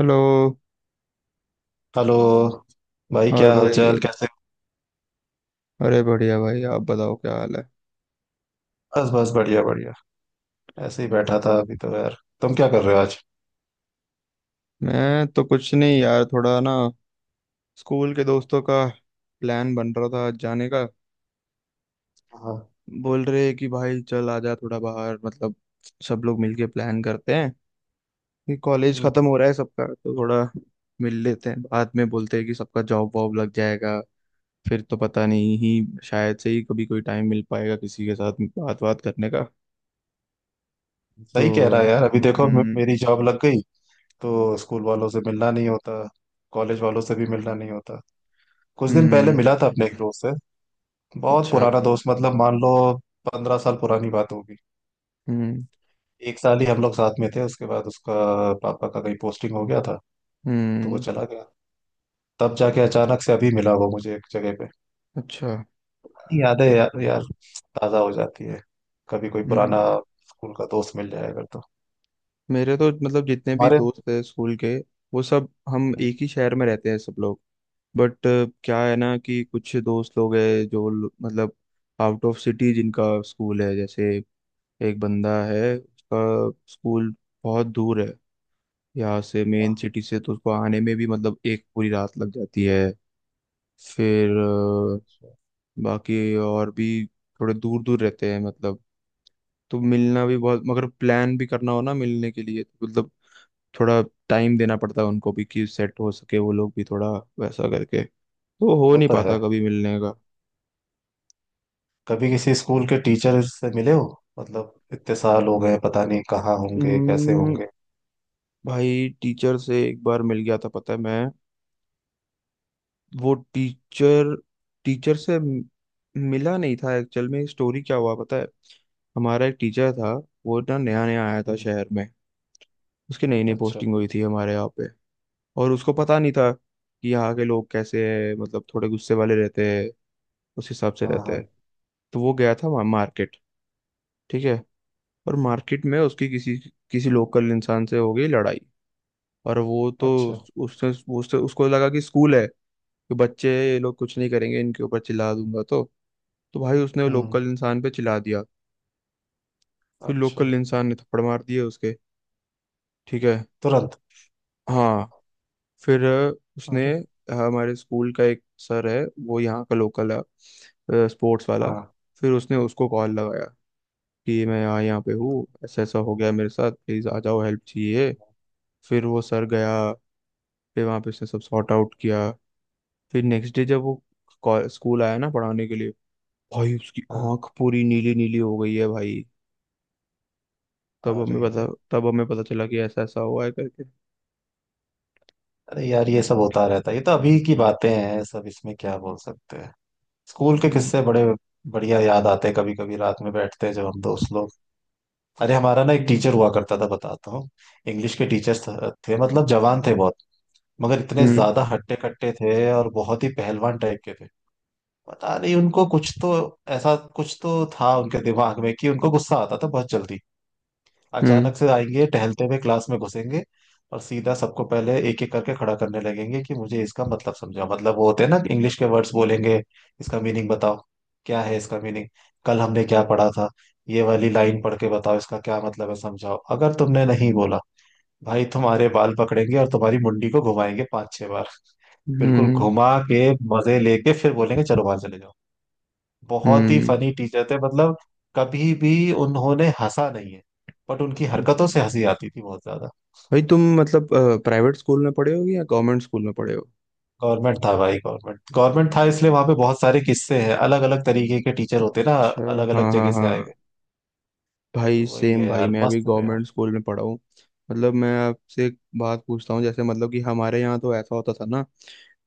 Hello. Hello भाई, और क्या भाई। हालचाल, कैसे हो? अरे बढ़िया भाई, आप बताओ क्या हाल है। बस बस बढ़िया बढ़िया। ऐसे ही बैठा था अभी तो, यार तुम क्या कर रहे हो आज? मैं तो कुछ नहीं यार, थोड़ा ना स्कूल के दोस्तों का प्लान बन रहा था आज जाने का। हाँ। बोल रहे कि भाई चल आ जा थोड़ा बाहर। मतलब सब लोग मिलके प्लान करते हैं कि कॉलेज हम्म। खत्म हो रहा है सबका, तो थोड़ा मिल लेते हैं। बाद में बोलते हैं कि सबका जॉब वॉब लग जाएगा फिर तो पता नहीं, ही शायद से ही कभी कोई टाइम मिल पाएगा किसी के साथ बात बात करने का। तो सही कह रहा है यार। अभी देखो, मे- हम्म। मेरी जॉब लग गई तो स्कूल वालों से मिलना नहीं होता। कॉलेज वालों से भी मिलना नहीं होता। कुछ दिन पहले हम्म। मिला था अपने एक दोस्त से। बहुत अच्छा। पुराना दोस्त, मतलब मान लो 15 साल पुरानी बात होगी। हम्म। एक साल ही हम लोग साथ में थे, उसके बाद उसका पापा का कहीं पोस्टिंग हो गया था तो वो हम्म। चला गया। तब जाके अचानक से अभी मिला वो मुझे एक जगह पे। अच्छा। यादें यार, यार ताज़ा हो जाती है कभी, कोई हम्म। पुराना स्कूल का दोस्त मिल जाए अगर तो। मेरे तो मतलब जितने भी हमारे। दोस्त हैं स्कूल के, वो सब हम एक ही हम्म। शहर में रहते हैं सब लोग। बट क्या है ना कि कुछ दोस्त लोग हैं मतलब आउट ऑफ सिटी जिनका स्कूल है। जैसे एक बंदा है उसका स्कूल बहुत दूर है यहाँ से, हाँ मेन हाँ। सिटी से, तो उसको आने में भी मतलब एक पूरी रात लग जाती है। फिर Sure. बाकी और भी थोड़े दूर दूर रहते हैं मतलब। तो मिलना भी बहुत, मगर प्लान भी करना हो ना मिलने के लिए, तो मतलब थोड़ा टाइम देना पड़ता है उनको भी कि सेट हो सके वो लोग भी थोड़ा वैसा करके। तो हो वो नहीं तो है। पाता कभी मिलने का। कभी किसी स्कूल के टीचर से मिले हो? मतलब इतने साल हो गए, पता नहीं कहाँ होंगे, कैसे हम्म। होंगे। भाई टीचर से एक बार मिल गया था, पता है। मैं वो टीचर टीचर से मिला नहीं था एक्चुअल में। स्टोरी क्या हुआ पता है। हमारा एक टीचर था। वो ना नया नया आया था हम्म। शहर में। उसकी नई नई अच्छा। पोस्टिंग हुई थी हमारे यहाँ पे। और उसको पता नहीं था कि यहाँ के लोग कैसे हैं, मतलब थोड़े गुस्से वाले रहते हैं, उस हिसाब से हाँ रहते हैं। हाँ। तो वो गया था मार्केट, ठीक है, और मार्केट में उसकी किसी किसी लोकल इंसान से हो गई लड़ाई। और वो तो अच्छा। उस- उससे वो उससे उसको लगा कि स्कूल है, कि बच्चे हैं, ये लोग कुछ नहीं करेंगे, इनके ऊपर चिल्ला दूंगा तो भाई उसने हम्म। लोकल इंसान पे चिल्ला दिया। फिर अच्छा। लोकल इंसान ने थप्पड़ मार दिए उसके। ठीक है। तुरंत। हाँ। फिर अरे हमारे स्कूल का एक सर है, वो यहाँ का लोकल है, स्पोर्ट्स वाला। हाँ। फिर उसने उसको कॉल लगाया कि मैं यहाँ यहाँ पे हूँ, ऐसा ऐसा हो गया मेरे साथ, प्लीज़ आ जाओ, हेल्प चाहिए। हाँ फिर वो सर गया। फिर वहां पे उसने सब सॉर्ट आउट किया। फिर नेक्स्ट डे जब वो स्कूल आया ना पढ़ाने के लिए, भाई उसकी हाँ। आंख पूरी नीली नीली हो गई है भाई। अरे। तब हमें पता चला कि ऐसा ऐसा हुआ है करके। अरे यार, ये सब होता रहता है, ये तो अभी की बातें हैं सब, इसमें क्या बोल सकते हैं। स्कूल के हम्म। किस्से बड़े बढ़िया याद आते हैं, कभी कभी रात में बैठते हैं जब हम दोस्त लोग। अरे हमारा ना एक हम्म। टीचर हुआ करता था, बताता हूँ। इंग्लिश के टीचर्स थे, मतलब जवान थे बहुत, मगर इतने हम्म। ज्यादा हट्टे कट्टे थे और बहुत ही पहलवान टाइप के थे। पता नहीं उनको कुछ तो, ऐसा कुछ तो था उनके दिमाग में कि उनको गुस्सा आता था बहुत जल्दी। हम्म। अचानक से आएंगे, टहलते हुए क्लास में घुसेंगे और सीधा सबको पहले एक एक करके खड़ा करने लगेंगे कि मुझे इसका मतलब समझाओ, मतलब वो होते हैं ना इंग्लिश के वर्ड्स बोलेंगे, इसका मीनिंग बताओ, क्या है इसका मीनिंग, कल हमने क्या पढ़ा था, ये वाली लाइन पढ़ के बताओ इसका क्या मतलब है, समझाओ। अगर तुमने नहीं बोला, भाई तुम्हारे बाल पकड़ेंगे और तुम्हारी मुंडी को घुमाएंगे 5 6 बार। बिल्कुल हम्म। घुमा के, मजे लेके फिर बोलेंगे चलो बाहर चले जाओ। बहुत ही हम्म। फनी टीचर थे मतलब, कभी भी उन्होंने हंसा नहीं है, बट उनकी हम्म। हरकतों से हंसी आती थी बहुत ज्यादा। भाई तुम मतलब प्राइवेट स्कूल में पढ़े हो या गवर्नमेंट स्कूल में पढ़े हो। गवर्नमेंट था भाई, गवर्नमेंट गवर्नमेंट था, इसलिए वहां पे बहुत सारे किस्से हैं, अलग अलग तरीके के टीचर होते हैं ना, अच्छा। अलग अलग हाँ हाँ जगह से आए हुए। हाँ। तो भाई वही सेम, है भाई यार, मैं अभी मस्त थे यार। गवर्नमेंट स्कूल में पढ़ा हूँ। मतलब मैं आपसे एक बात पूछता हूँ, जैसे मतलब कि हमारे यहाँ तो ऐसा होता था ना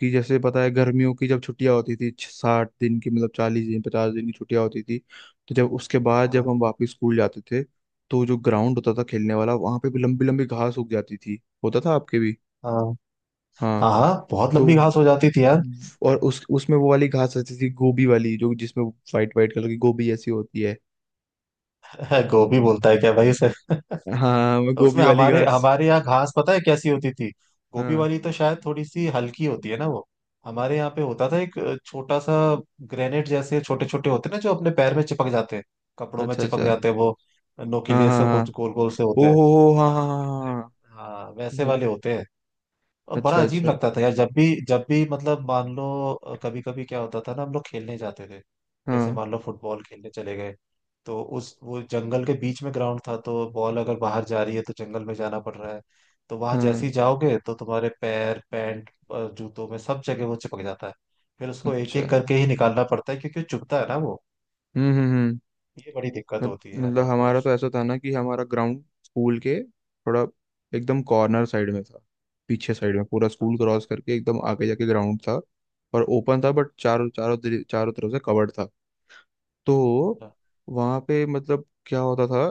कि जैसे पता है गर्मियों की जब छुट्टियां होती थी, 60 दिन की, मतलब 40 दिन 50 दिन की छुट्टियां होती थी। तो जब उसके बाद जब हम हाँ वापस स्कूल जाते थे, तो जो ग्राउंड होता था खेलने वाला, वहां पे भी लंबी लंबी घास उग जाती थी। होता था आपके भी। हाँ हाँ। हाँ। हाँ, बहुत तो लंबी घास हो जाती थी यार। और उस उसमें वो वाली घास रहती थी, गोभी वाली, जो जिसमें वाइट वाइट कलर की गोभी ऐसी होती है। गोभी बोलता है क्या भाई उसे? हाँ वो उसमें गोभी वाली हमारे घास। हमारे यहाँ घास पता है कैसी होती थी? गोभी हाँ। वाली तो शायद थोड़ी सी हल्की होती है ना वो। हमारे यहाँ पे होता था एक छोटा सा ग्रेनेड जैसे छोटे छोटे होते हैं ना जो अपने पैर में चिपक जाते हैं, कपड़ों में अच्छा अच्छा। चिपक जाते हैं वो। हाँ नोकीले हाँ से हाँ। कुछ गोल गोल से ओ होते हैं। हो, हाँ हाँ हाँ हाँ। हाँ वैसे, हाँ, हाँ। हाँ, वैसे ये। वाले होते हैं। और बड़ा अच्छा अजीब अच्छा। लगता था यार जब भी, जब भी मतलब मान लो कभी कभी क्या होता था ना, हम लोग खेलने जाते थे, जैसे हाँ मान लो फुटबॉल खेलने चले गए, तो उस वो जंगल के बीच में ग्राउंड था तो बॉल अगर बाहर जा रही है तो जंगल में जाना पड़ रहा है, तो वहां जैसे हाँ। ही जाओगे तो तुम्हारे पैर, पैंट, जूतों में सब जगह वो चिपक जाता है। फिर उसको एक एक अच्छा। करके ही निकालना पड़ता है, क्योंकि वो चुभता है ना वो। हम्म। ये बड़ी दिक्कत मत- होती है यार मतलब वहाँ पे हमारा बस। तो ऐसा था ना कि हमारा ग्राउंड स्कूल के थोड़ा एकदम कॉर्नर साइड में था, पीछे साइड में। पूरा स्कूल क्रॉस करके एकदम आगे जाके ग्राउंड था, और ओपन था, बट चारों चारों दि- चारों तरफ से कवर्ड था। तो हाँ वहाँ पे मतलब क्या होता था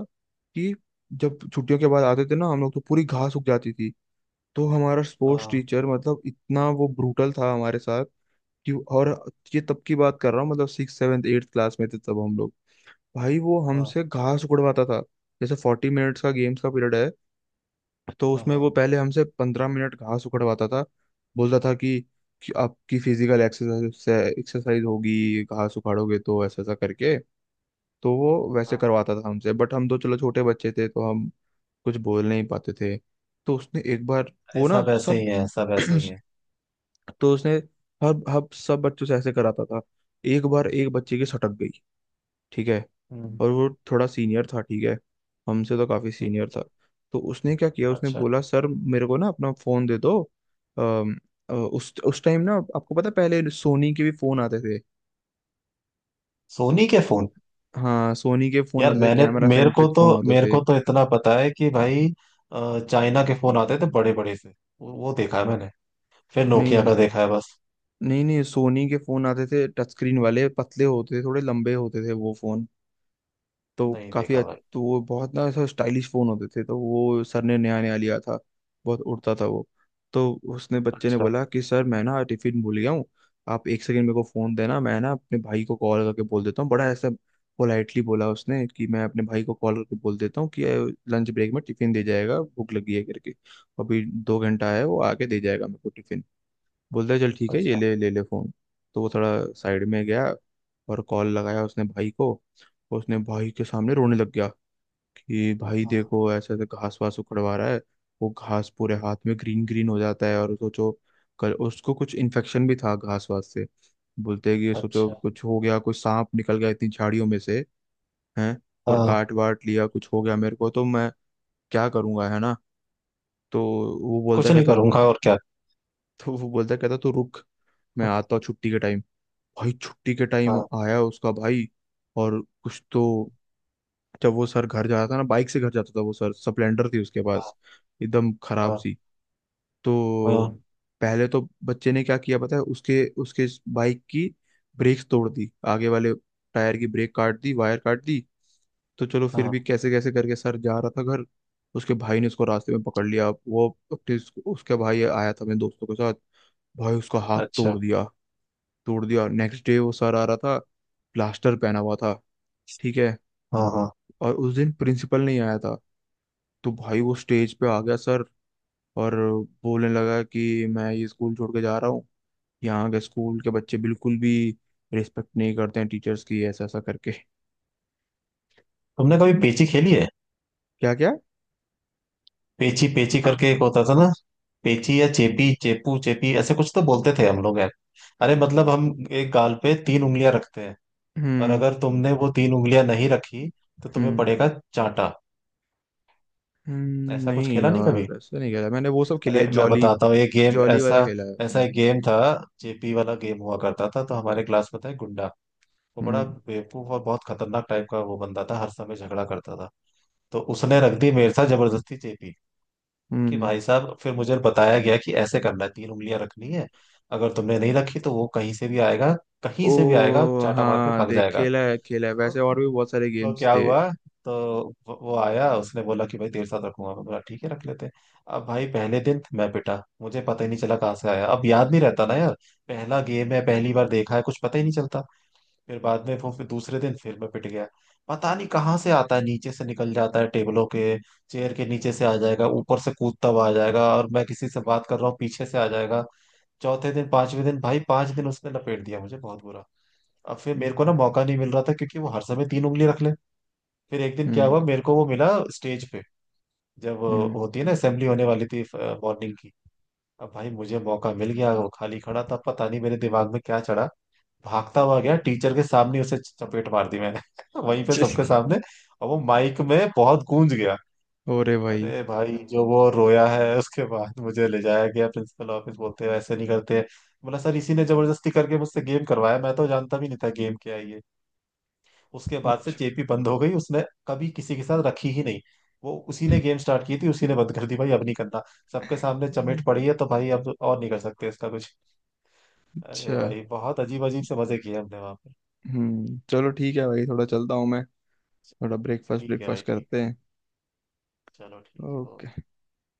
कि जब छुट्टियों के बाद आते थे ना हम लोग, तो पूरी घास उग जाती थी। तो हमारा स्पोर्ट्स हाँ टीचर मतलब इतना वो ब्रूटल था हमारे साथ कि, और ये तब की बात कर रहा हूँ, मतलब 6th 7th 8th क्लास में थे तब हम लोग। भाई वो हाँ हमसे घास उकड़वाता था। जैसे 40 मिनट्स का गेम्स का पीरियड है, तो उसमें वो हाँ। पहले हमसे 15 मिनट घास उकड़वाता था। बोलता था कि आपकी फिजिकल एक्सरसाइज से एक्सरसाइज होगी, घास उखाड़ोगे तो, ऐसा ऐसा करके। तो वो वैसे हाँ, करवाता था हमसे। बट हम तो चलो छोटे बच्चे थे, तो हम कुछ बोल नहीं पाते थे। तो उसने एक बार हाँ, वो ना सब ऐसे सब ही है, सब ऐसे ही है। तो उसने हर हर सब बच्चों से ऐसे कराता था। एक बार एक बच्चे की सटक गई, ठीक है, हम्म और वो थोड़ा सीनियर था, ठीक है, हमसे तो काफी हम्म। सीनियर था। तो उसने क्या किया, उसने अच्छा। बोला, सर मेरे को ना अपना फोन दे दो। अम, उस टाइम ना आपको पता है, पहले सोनी के भी फोन आते थे। सोनी के फोन? हाँ सोनी के फोन यार आते थे, मैंने, कैमरा मेरे को सेंट्रिक तो फोन होते मेरे थे। को तो इतना पता है कि भाई चाइना के फोन आते थे बड़े बड़े से। वो देखा है मैंने। फिर नोकिया नहीं का देखा है बस। नहीं नहीं, सोनी के फोन आते थे, टच स्क्रीन वाले, पतले होते थे, थोड़े लंबे होते थे वो फोन। तो नहीं काफी देखा भाई। तो वो बहुत ना ऐसा स्टाइलिश फोन होते थे, तो वो सर ने नया नया लिया था, बहुत उड़ता था वो। तो उसने बच्चे ने अच्छा बोला कि सर मैं ना टिफिन भूल गया हूँ, आप एक सेकंड मेरे को फोन देना, मैं ना अपने भाई को कॉल करके बोल देता हूँ। बड़ा ऐसा पोलाइटली बोला उसने कि मैं अपने भाई को कॉल करके बोल देता हूँ कि लंच ब्रेक में टिफिन दे जाएगा, भूख लगी है करके, अभी 2 घंटा है, वो आके दे जाएगा मेरे को टिफिन। बोलता है चल ठीक है, ये अच्छा। ले ले ले फोन। तो वो थोड़ा साइड में गया, और कॉल लगाया उसने भाई को। तो उसने भाई के सामने रोने लग गया कि भाई हाँ। देखो ऐसे ऐसे घास वास उखड़वा रहा है, वो घास पूरे हाथ में ग्रीन ग्रीन हो जाता है, और सोचो कल उसको कुछ इन्फेक्शन भी था घास वास से। बोलते हैं कि सोचो अच्छा। कुछ हो गया, कुछ सांप निकल गया इतनी झाड़ियों में से हैं, और हाँ। काट वाट लिया, कुछ हो गया मेरे को, तो मैं क्या करूंगा, है ना। तो वो बोलता कुछ नहीं कहता करूंगा और क्या। तो वो बोलता कहता, तू रुक, मैं आता हूँ छुट्टी के टाइम। भाई छुट्टी के टाइम हाँ आया उसका भाई। और कुछ तो, जब वो सर घर जाता था ना, बाइक से घर जाता था वो सर, स्प्लेंडर थी उसके हाँ पास, एकदम खराब हाँ सी। तो हाँ, पहले तो बच्चे ने क्या किया पता है, उसके उसके बाइक की ब्रेक्स तोड़ दी, आगे वाले टायर की ब्रेक काट दी, वायर काट दी। तो चलो फिर हाँ। भी कैसे कैसे करके सर जा रहा था घर। उसके भाई ने उसको रास्ते में पकड़ लिया वो। अपने उसके भाई आया था अपने दोस्तों के साथ, भाई उसका हाथ अच्छा। तोड़ दिया, तोड़ दिया। नेक्स्ट डे वो सर आ रहा था, प्लास्टर पहना हुआ था, ठीक है, हाँ हाँ। और उस दिन प्रिंसिपल नहीं आया था। तो भाई वो स्टेज पे आ गया सर, और बोलने लगा कि मैं ये स्कूल छोड़ के जा रहा हूँ, यहाँ के स्कूल के बच्चे बिल्कुल भी रिस्पेक्ट नहीं करते हैं टीचर्स की, ऐसा ऐसा करके। तुमने कभी पेची खेली है? क्या क्या। पेची पेची करके एक होता था ना। पेची या चेपी, चेपू चेपी, ऐसे कुछ तो बोलते थे हम लोग यार। अरे मतलब हम एक गाल पे तीन उंगलियां रखते हैं, और हम्म। अगर तुमने वो तीन उंगलियां नहीं रखी तो तुम्हें हम्म। पड़ेगा चांटा। ऐसा कुछ नहीं खेला नहीं कभी। यार ऐसा नहीं खेला मैंने, वो सब खेलिया अरे मैं जॉली। बताता हूँ, ये गेम जॉली वाला ऐसा, खेला है ऐसा मैंने। एक गेम था। जेपी वाला गेम हुआ करता था। तो हमारे क्लास में था एक गुंडा, वो बड़ा हम्म। बेवकूफ और बहुत खतरनाक टाइप का वो बंदा था, हर समय झगड़ा करता था। तो उसने रख दी मेरे साथ जबरदस्ती जेपी, कि हम्म। भाई साहब, फिर मुझे बताया गया कि ऐसे करना है, तीन उंगलियां रखनी है, अगर तुमने नहीं रखी तो वो कहीं से भी आएगा, कहीं से भी आएगा, ओ चाटा मार के हाँ भाग देख, जाएगा। खेला है, खेला है, तो वैसे और भी बहुत सारे तो गेम्स क्या थे। हुआ, तो वो आया, उसने बोला कि भाई तेरे साथ रखूंगा, मैं बोला ठीक है रख लेते हैं। अब भाई पहले दिन मैं पिटा, मुझे पता ही नहीं चला कहाँ से आया, अब याद नहीं रहता ना यार, पहला गेम है, पहली बार देखा है, कुछ पता ही नहीं चलता। फिर बाद में वो, फिर दूसरे दिन फिर मैं पिट गया। पता नहीं कहाँ से आता है, नीचे से निकल जाता है टेबलों के, चेयर के नीचे से आ जाएगा, ऊपर से कूदता हुआ आ जाएगा, और मैं किसी से बात कर रहा हूँ पीछे से आ जाएगा। चौथे दिन, पांचवें दिन, भाई 5 दिन उसने लपेट दिया मुझे बहुत बुरा। अब फिर मेरे को ना हम्म। मौका नहीं मिल रहा था, क्योंकि वो हर समय तीन उंगली रख ले। फिर एक दिन क्या हम्म। हुआ, मेरे को वो मिला स्टेज पे, जब हम्म। होती है ना असेंबली, होने वाली थी मॉर्निंग की। अब भाई मुझे मौका मिल गया, वो खाली खड़ा था, पता नहीं मेरे दिमाग में क्या चढ़ा, भागता हुआ गया टीचर के सामने, उसे चपेट मार दी मैंने। वहीं पे सबके सामने, और वो माइक में बहुत गूंज गया। अरे भाई। अरे भाई, जो वो रोया है, उसके बाद मुझे ले जाया गया प्रिंसिपल ऑफिस, बोलते हैं ऐसे नहीं करते। बोला सर, इसी ने जबरदस्ती करके मुझसे गेम करवाया, मैं तो जानता भी नहीं था गेम क्या है ये। उसके बाद से अच्छा चेपी बंद हो गई उसने, कभी किसी के साथ रखी ही नहीं। वो उसी ने गेम स्टार्ट की थी, उसी ने बंद कर दी, भाई अब नहीं करना, सबके सामने चमेट पड़ी है तो भाई अब और नहीं कर सकते इसका कुछ। अरे अच्छा। भाई, बहुत अजीब अजीब से मजे किए हमने वहां पर। हम्म। चलो ठीक है भाई, थोड़ा चलता हूँ मैं, थोड़ा ब्रेकफास्ट ठीक है भाई, ब्रेकफास्ट ठीक है, करते हैं। चलो ठीक है, ओके। ओके।